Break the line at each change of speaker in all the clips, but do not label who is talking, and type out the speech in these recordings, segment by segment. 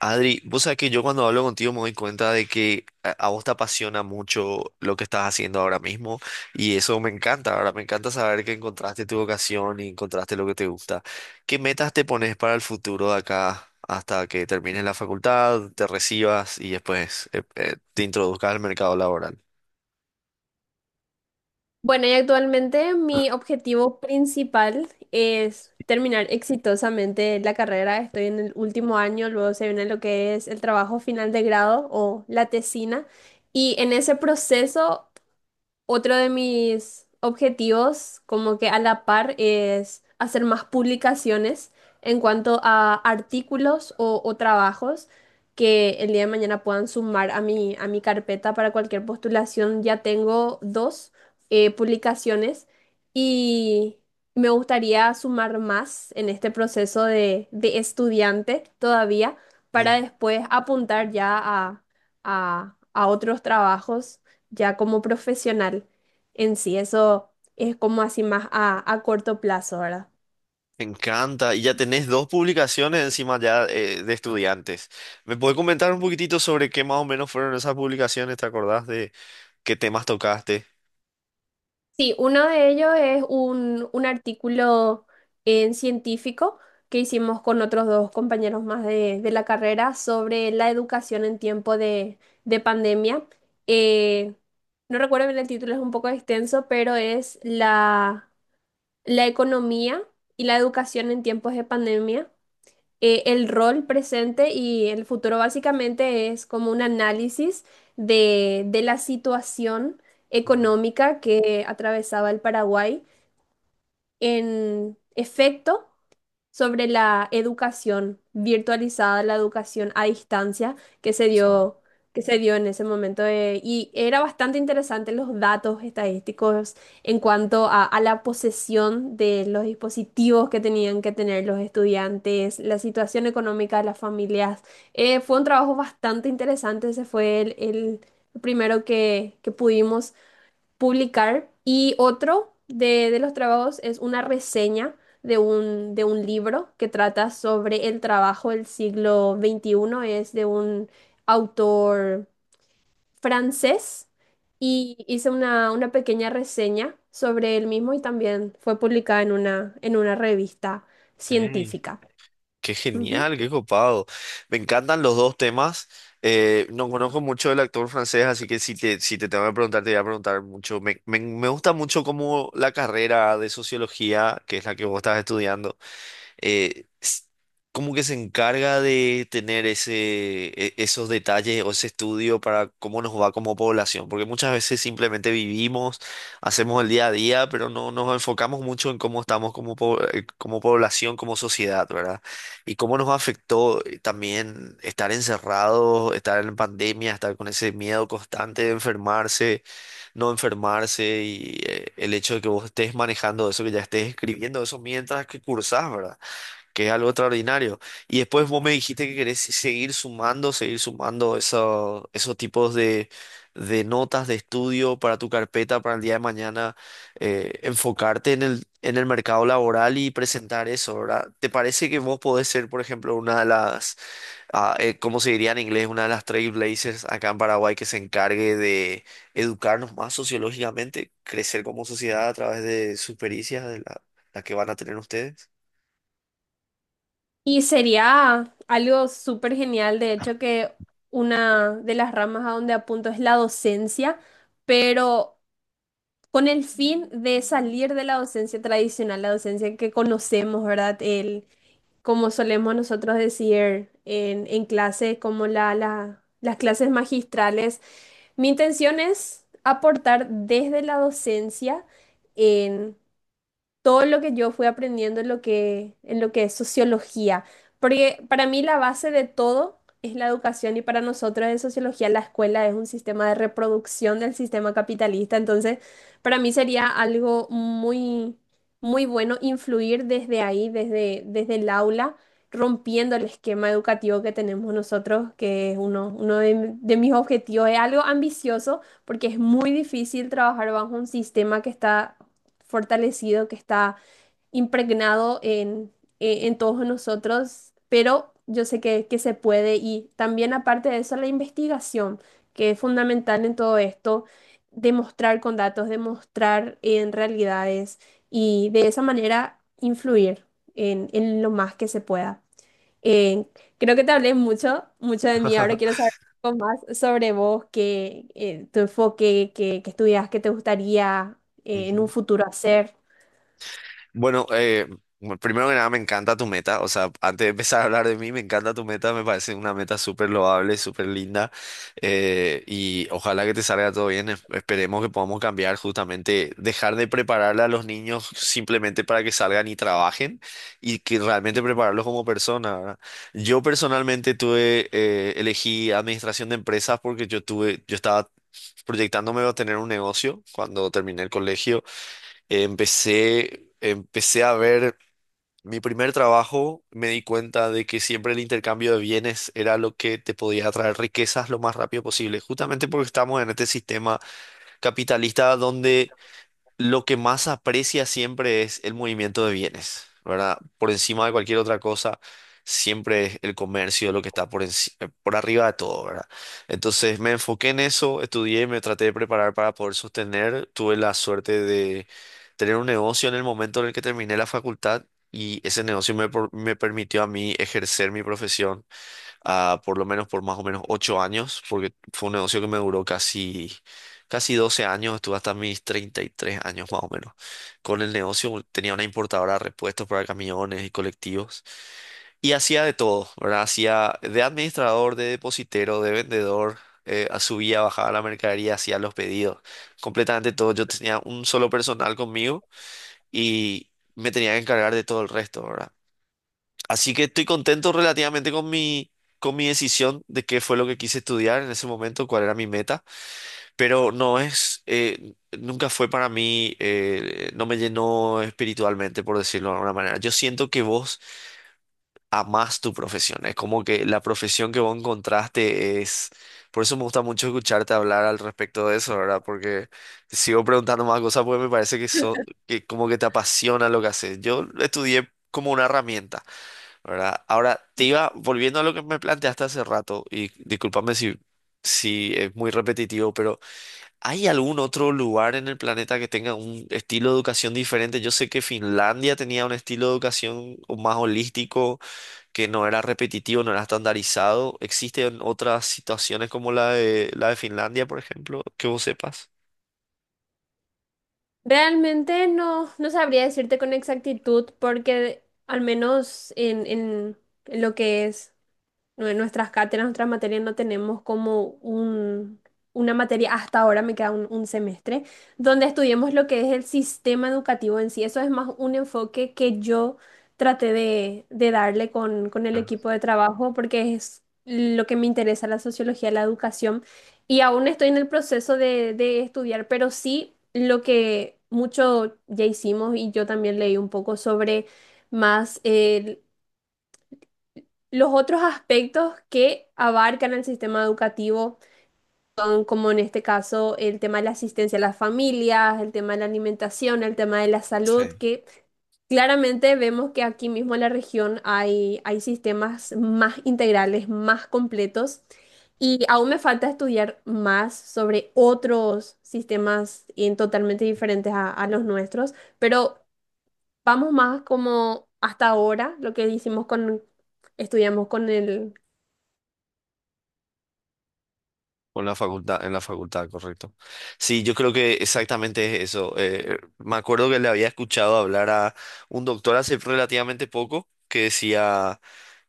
Adri, vos sabés que yo cuando hablo contigo me doy cuenta de que a vos te apasiona mucho lo que estás haciendo ahora mismo, y eso me encanta. Ahora me encanta saber que encontraste tu vocación y encontraste lo que te gusta. ¿Qué metas te pones para el futuro de acá hasta que termines la facultad, te recibas y después te introduzcas al mercado laboral?
Bueno, y actualmente mi objetivo principal es terminar exitosamente la carrera. Estoy en el último año, luego se viene lo que es el trabajo final de grado o la tesina. Y en ese proceso otro de mis objetivos, como que a la par, es hacer más publicaciones en cuanto a artículos o trabajos que el día de mañana puedan sumar a a mi carpeta para cualquier postulación. Ya tengo dos publicaciones y me gustaría sumar más en este proceso de estudiante todavía
Mm.
para después apuntar ya a otros trabajos ya como profesional en sí. Eso es como así más a corto plazo, ¿verdad?
Me encanta. Y ya tenés dos publicaciones encima ya, de estudiantes. ¿Me puedes comentar un poquitito sobre qué más o menos fueron esas publicaciones? ¿Te acordás de qué temas tocaste?
Sí, uno de ellos es un artículo en científico que hicimos con otros dos compañeros más de la carrera sobre la educación en tiempo de pandemia. Eh, no recuerdo bien el título, es un poco extenso, pero es la economía y la educación en tiempos de pandemia. El rol presente y el futuro básicamente es como un análisis de la situación
Ujú.
económica que atravesaba el Paraguay. En efecto, sobre la educación virtualizada, la educación a distancia
Sam.
que se dio en ese momento. Y era bastante interesante los datos estadísticos en cuanto a la posesión de los dispositivos que tenían que tener los estudiantes, la situación económica de las familias. Fue un trabajo bastante interesante, ese fue el primero que pudimos publicar. Y otro de los trabajos es una reseña de un libro que trata sobre el trabajo del siglo 21. Es de un autor francés y hice una pequeña reseña sobre él mismo y también fue publicada en una revista
Ey,
científica.
qué
Ujú.
genial, qué copado. Me encantan los dos temas. No conozco mucho del actor francés, así que si te tengo que preguntar, te voy a preguntar mucho. Me gusta mucho como la carrera de sociología, que es la que vos estás estudiando. eh, s- Como que se encarga de tener ese, esos detalles o ese estudio para cómo nos va como población, porque muchas veces simplemente vivimos, hacemos el día a día, pero no nos enfocamos mucho en cómo estamos como, como población, como sociedad, ¿verdad? Y cómo nos afectó, también estar encerrados, estar en pandemia, estar con ese miedo constante de enfermarse, no enfermarse. Y el hecho de que vos estés manejando eso, que ya estés escribiendo eso mientras que cursás, ¿verdad? Que es algo extraordinario. Y después vos me dijiste que querés seguir sumando esos tipos de notas de estudio para tu carpeta para el día de mañana, enfocarte en en el mercado laboral y presentar eso, ¿verdad? ¿Te parece que vos podés ser, por ejemplo, una de las, ¿cómo se diría en inglés? Una de las trailblazers acá en Paraguay que se encargue de educarnos más sociológicamente, crecer como sociedad a través de sus pericias, de la, la que van a tener ustedes?
Y sería algo súper genial, de hecho, que una de las ramas a donde apunto es la docencia, pero con el fin de salir de la docencia tradicional, la docencia que conocemos, ¿verdad? El, como solemos nosotros decir en clase, como las clases magistrales. Mi intención es aportar desde la docencia todo lo que yo fui aprendiendo en lo que es sociología. Porque para mí la base de todo es la educación y para nosotros en sociología la escuela es un sistema de reproducción del sistema capitalista. Entonces, para mí sería algo muy bueno influir desde ahí, desde el aula, rompiendo el esquema educativo que tenemos nosotros, que es uno de mis objetivos. Es algo ambicioso porque es muy difícil trabajar bajo un sistema que está fortalecido, que está impregnado en todos nosotros, pero yo sé que se puede y también aparte de eso la investigación, que es fundamental en todo esto, demostrar con datos, demostrar en realidades y de esa manera influir en lo más que se pueda. Eh, Creo que te hablé mucho, mucho de mí, ahora quiero saber un poco más sobre vos, que, tu enfoque, que estudias, qué te gustaría en un
Ujú.
futuro hacer.
Bueno, bueno, primero que nada, me encanta tu meta. O sea, antes de empezar a hablar de mí, me encanta tu meta. Me parece una meta súper loable, súper linda. Y ojalá que te salga todo bien. Esperemos que podamos cambiar justamente, dejar de prepararle a los niños simplemente para que salgan y trabajen, y que realmente prepararlos como personas, ¿verdad? Yo personalmente tuve, elegí administración de empresas porque yo tuve, yo estaba proyectándome a tener un negocio cuando terminé el colegio. Empecé a ver mi primer trabajo, me di cuenta de que siempre el intercambio de bienes era lo que te podía traer riquezas lo más rápido posible, justamente porque estamos en este sistema capitalista donde lo que más aprecia siempre es el movimiento de bienes, ¿verdad? Por encima de cualquier otra cosa, siempre es el comercio lo que está por arriba de todo, ¿verdad? Entonces me enfoqué en eso, estudié, me traté de preparar para poder sostener. Tuve la suerte de tener un negocio en el momento en el que terminé la facultad, y ese negocio me, me permitió a mí ejercer mi profesión, ah, por lo menos por más o menos 8 años, porque fue un negocio que me duró casi, casi 12 años, estuve hasta mis 33 años más o menos. Con el negocio tenía una importadora de repuestos para camiones y colectivos, y hacía de todo, ¿verdad? Hacía de administrador, de depositero, de vendedor. Subía, bajaba la mercadería, hacía los pedidos, completamente todo. Yo tenía un solo personal conmigo, y me tenía que encargar de todo el resto, ¿verdad? Así que estoy contento relativamente con mi decisión de qué fue lo que quise estudiar en ese momento, cuál era mi meta, pero no es, nunca fue para mí, no me llenó espiritualmente, por decirlo de alguna manera. Yo siento que vos amás tu profesión, es como que la profesión que vos encontraste es, por eso me gusta mucho escucharte hablar al respecto de eso, ¿verdad? Porque te sigo preguntando más cosas porque me parece que, que como que te apasiona lo que haces. Yo estudié como una herramienta, ¿verdad? Ahora, te iba volviendo a lo que me planteaste hace rato, y discúlpame si, si es muy repetitivo, pero ¿hay algún otro lugar en el planeta que tenga un estilo de educación diferente? Yo sé que Finlandia tenía un estilo de educación más holístico, que no era repetitivo, no era estandarizado. ¿Existen otras situaciones como la de Finlandia, por ejemplo, que vos sepas?
Realmente no, no sabría decirte con exactitud porque al menos en lo que es. No, en nuestras cátedras, nuestras materias no tenemos como una materia, hasta ahora me queda un semestre, donde estudiemos lo que es el sistema educativo en sí. Eso es más un enfoque que yo traté de darle con el equipo de trabajo porque es lo que me interesa, la sociología, la educación. Y aún estoy en el proceso de estudiar, pero sí lo que mucho ya hicimos y yo también leí un poco sobre más... los otros aspectos que abarcan el sistema educativo son, como en este caso, el tema de la asistencia a las familias, el tema de la alimentación, el tema de la salud, que claramente vemos que aquí mismo en la región hay sistemas más integrales, más completos, y aún me falta estudiar más sobre otros sistemas en totalmente diferentes a los nuestros, pero vamos más como hasta ahora, lo que hicimos con, estudiamos con el.
Con la facultad, en la facultad, correcto. Sí, yo creo que exactamente es eso. Me acuerdo que le había escuchado hablar a un doctor hace relativamente poco que decía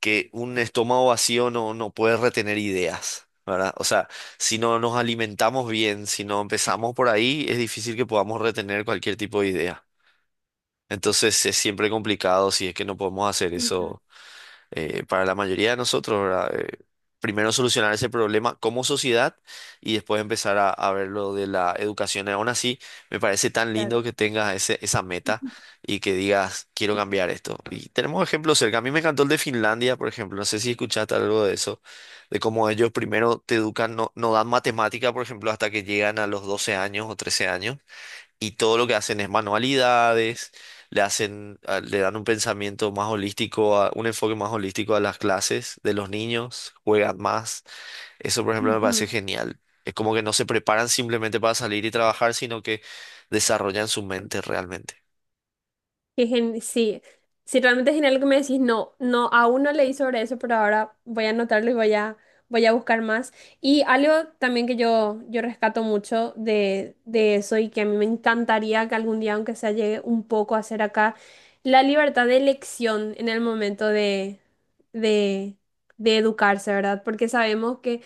que un estómago vacío no, no puede retener ideas, ¿verdad? O sea, si no nos alimentamos bien, si no empezamos por ahí, es difícil que podamos retener cualquier tipo de idea. Entonces es siempre complicado si es que no podemos hacer eso para la mayoría de nosotros, ¿verdad? Primero solucionar ese problema como sociedad y después empezar a ver lo de la educación. Y aún así, me parece tan
Claro.
lindo que tengas ese, esa meta, y que digas, quiero cambiar esto. Y tenemos ejemplos cerca. A mí me encantó el de Finlandia, por ejemplo. No sé si escuchaste algo de eso, de cómo ellos primero te educan, no, no dan matemática, por ejemplo, hasta que llegan a los 12 años o 13 años, y todo lo que hacen es manualidades, le dan un pensamiento más holístico, un enfoque más holístico a las clases de los niños, juegan más. Eso, por ejemplo, me
Ujú.
parece genial. Es como que no se preparan simplemente para salir y trabajar, sino que desarrollan su mente realmente.
Sí, sí, realmente es genial lo que me decís. No, no, aún no leí sobre eso, pero ahora voy a anotarlo y voy voy a buscar más. Y algo también que yo rescato mucho de eso y que a mí me encantaría que algún día, aunque sea, llegue un poco a ser acá, la libertad de elección en el momento de, de educarse, ¿verdad? Porque sabemos que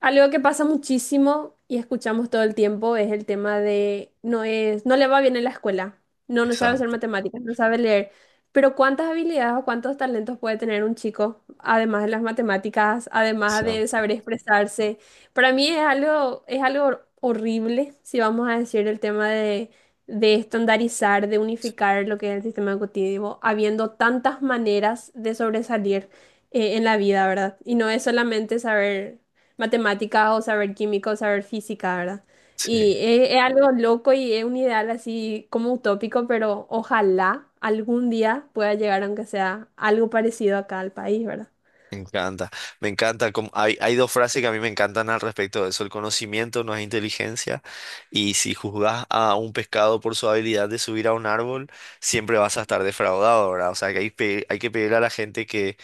algo que pasa muchísimo y escuchamos todo el tiempo es el tema de no es, no le va bien en la escuela, no, no sabe hacer
Exacto,
matemáticas, no sabe leer. Pero ¿cuántas habilidades o cuántos talentos puede tener un chico, además de las matemáticas, además de
exacto.
saber expresarse? Para mí es algo horrible, si vamos a decir el tema de estandarizar, de unificar lo que es el sistema educativo, habiendo tantas maneras de sobresalir en la vida, ¿verdad? Y no es solamente saber matemáticas o saber química o saber física, ¿verdad?
Sí.
Y es algo loco y es un ideal así como utópico, pero ojalá algún día pueda llegar, aunque sea algo parecido acá al país, ¿verdad?
Me encanta, me encanta. Hay, hay dos frases que a mí me encantan al respecto de eso. El conocimiento no es inteligencia, y si juzgas a un pescado por su habilidad de subir a un árbol, siempre vas a estar defraudado, ¿verdad? O sea, que hay, hay que pedirle a la gente que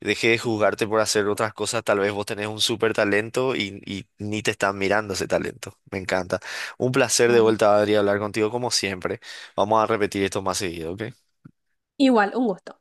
deje de juzgarte por hacer otras cosas. Tal vez vos tenés un súper talento y ni te están mirando ese talento. Me encanta. Un placer de
Claro.
vuelta, Adri, hablar contigo como siempre. Vamos a repetir esto más seguido, ¿ok?
Igual, un gusto.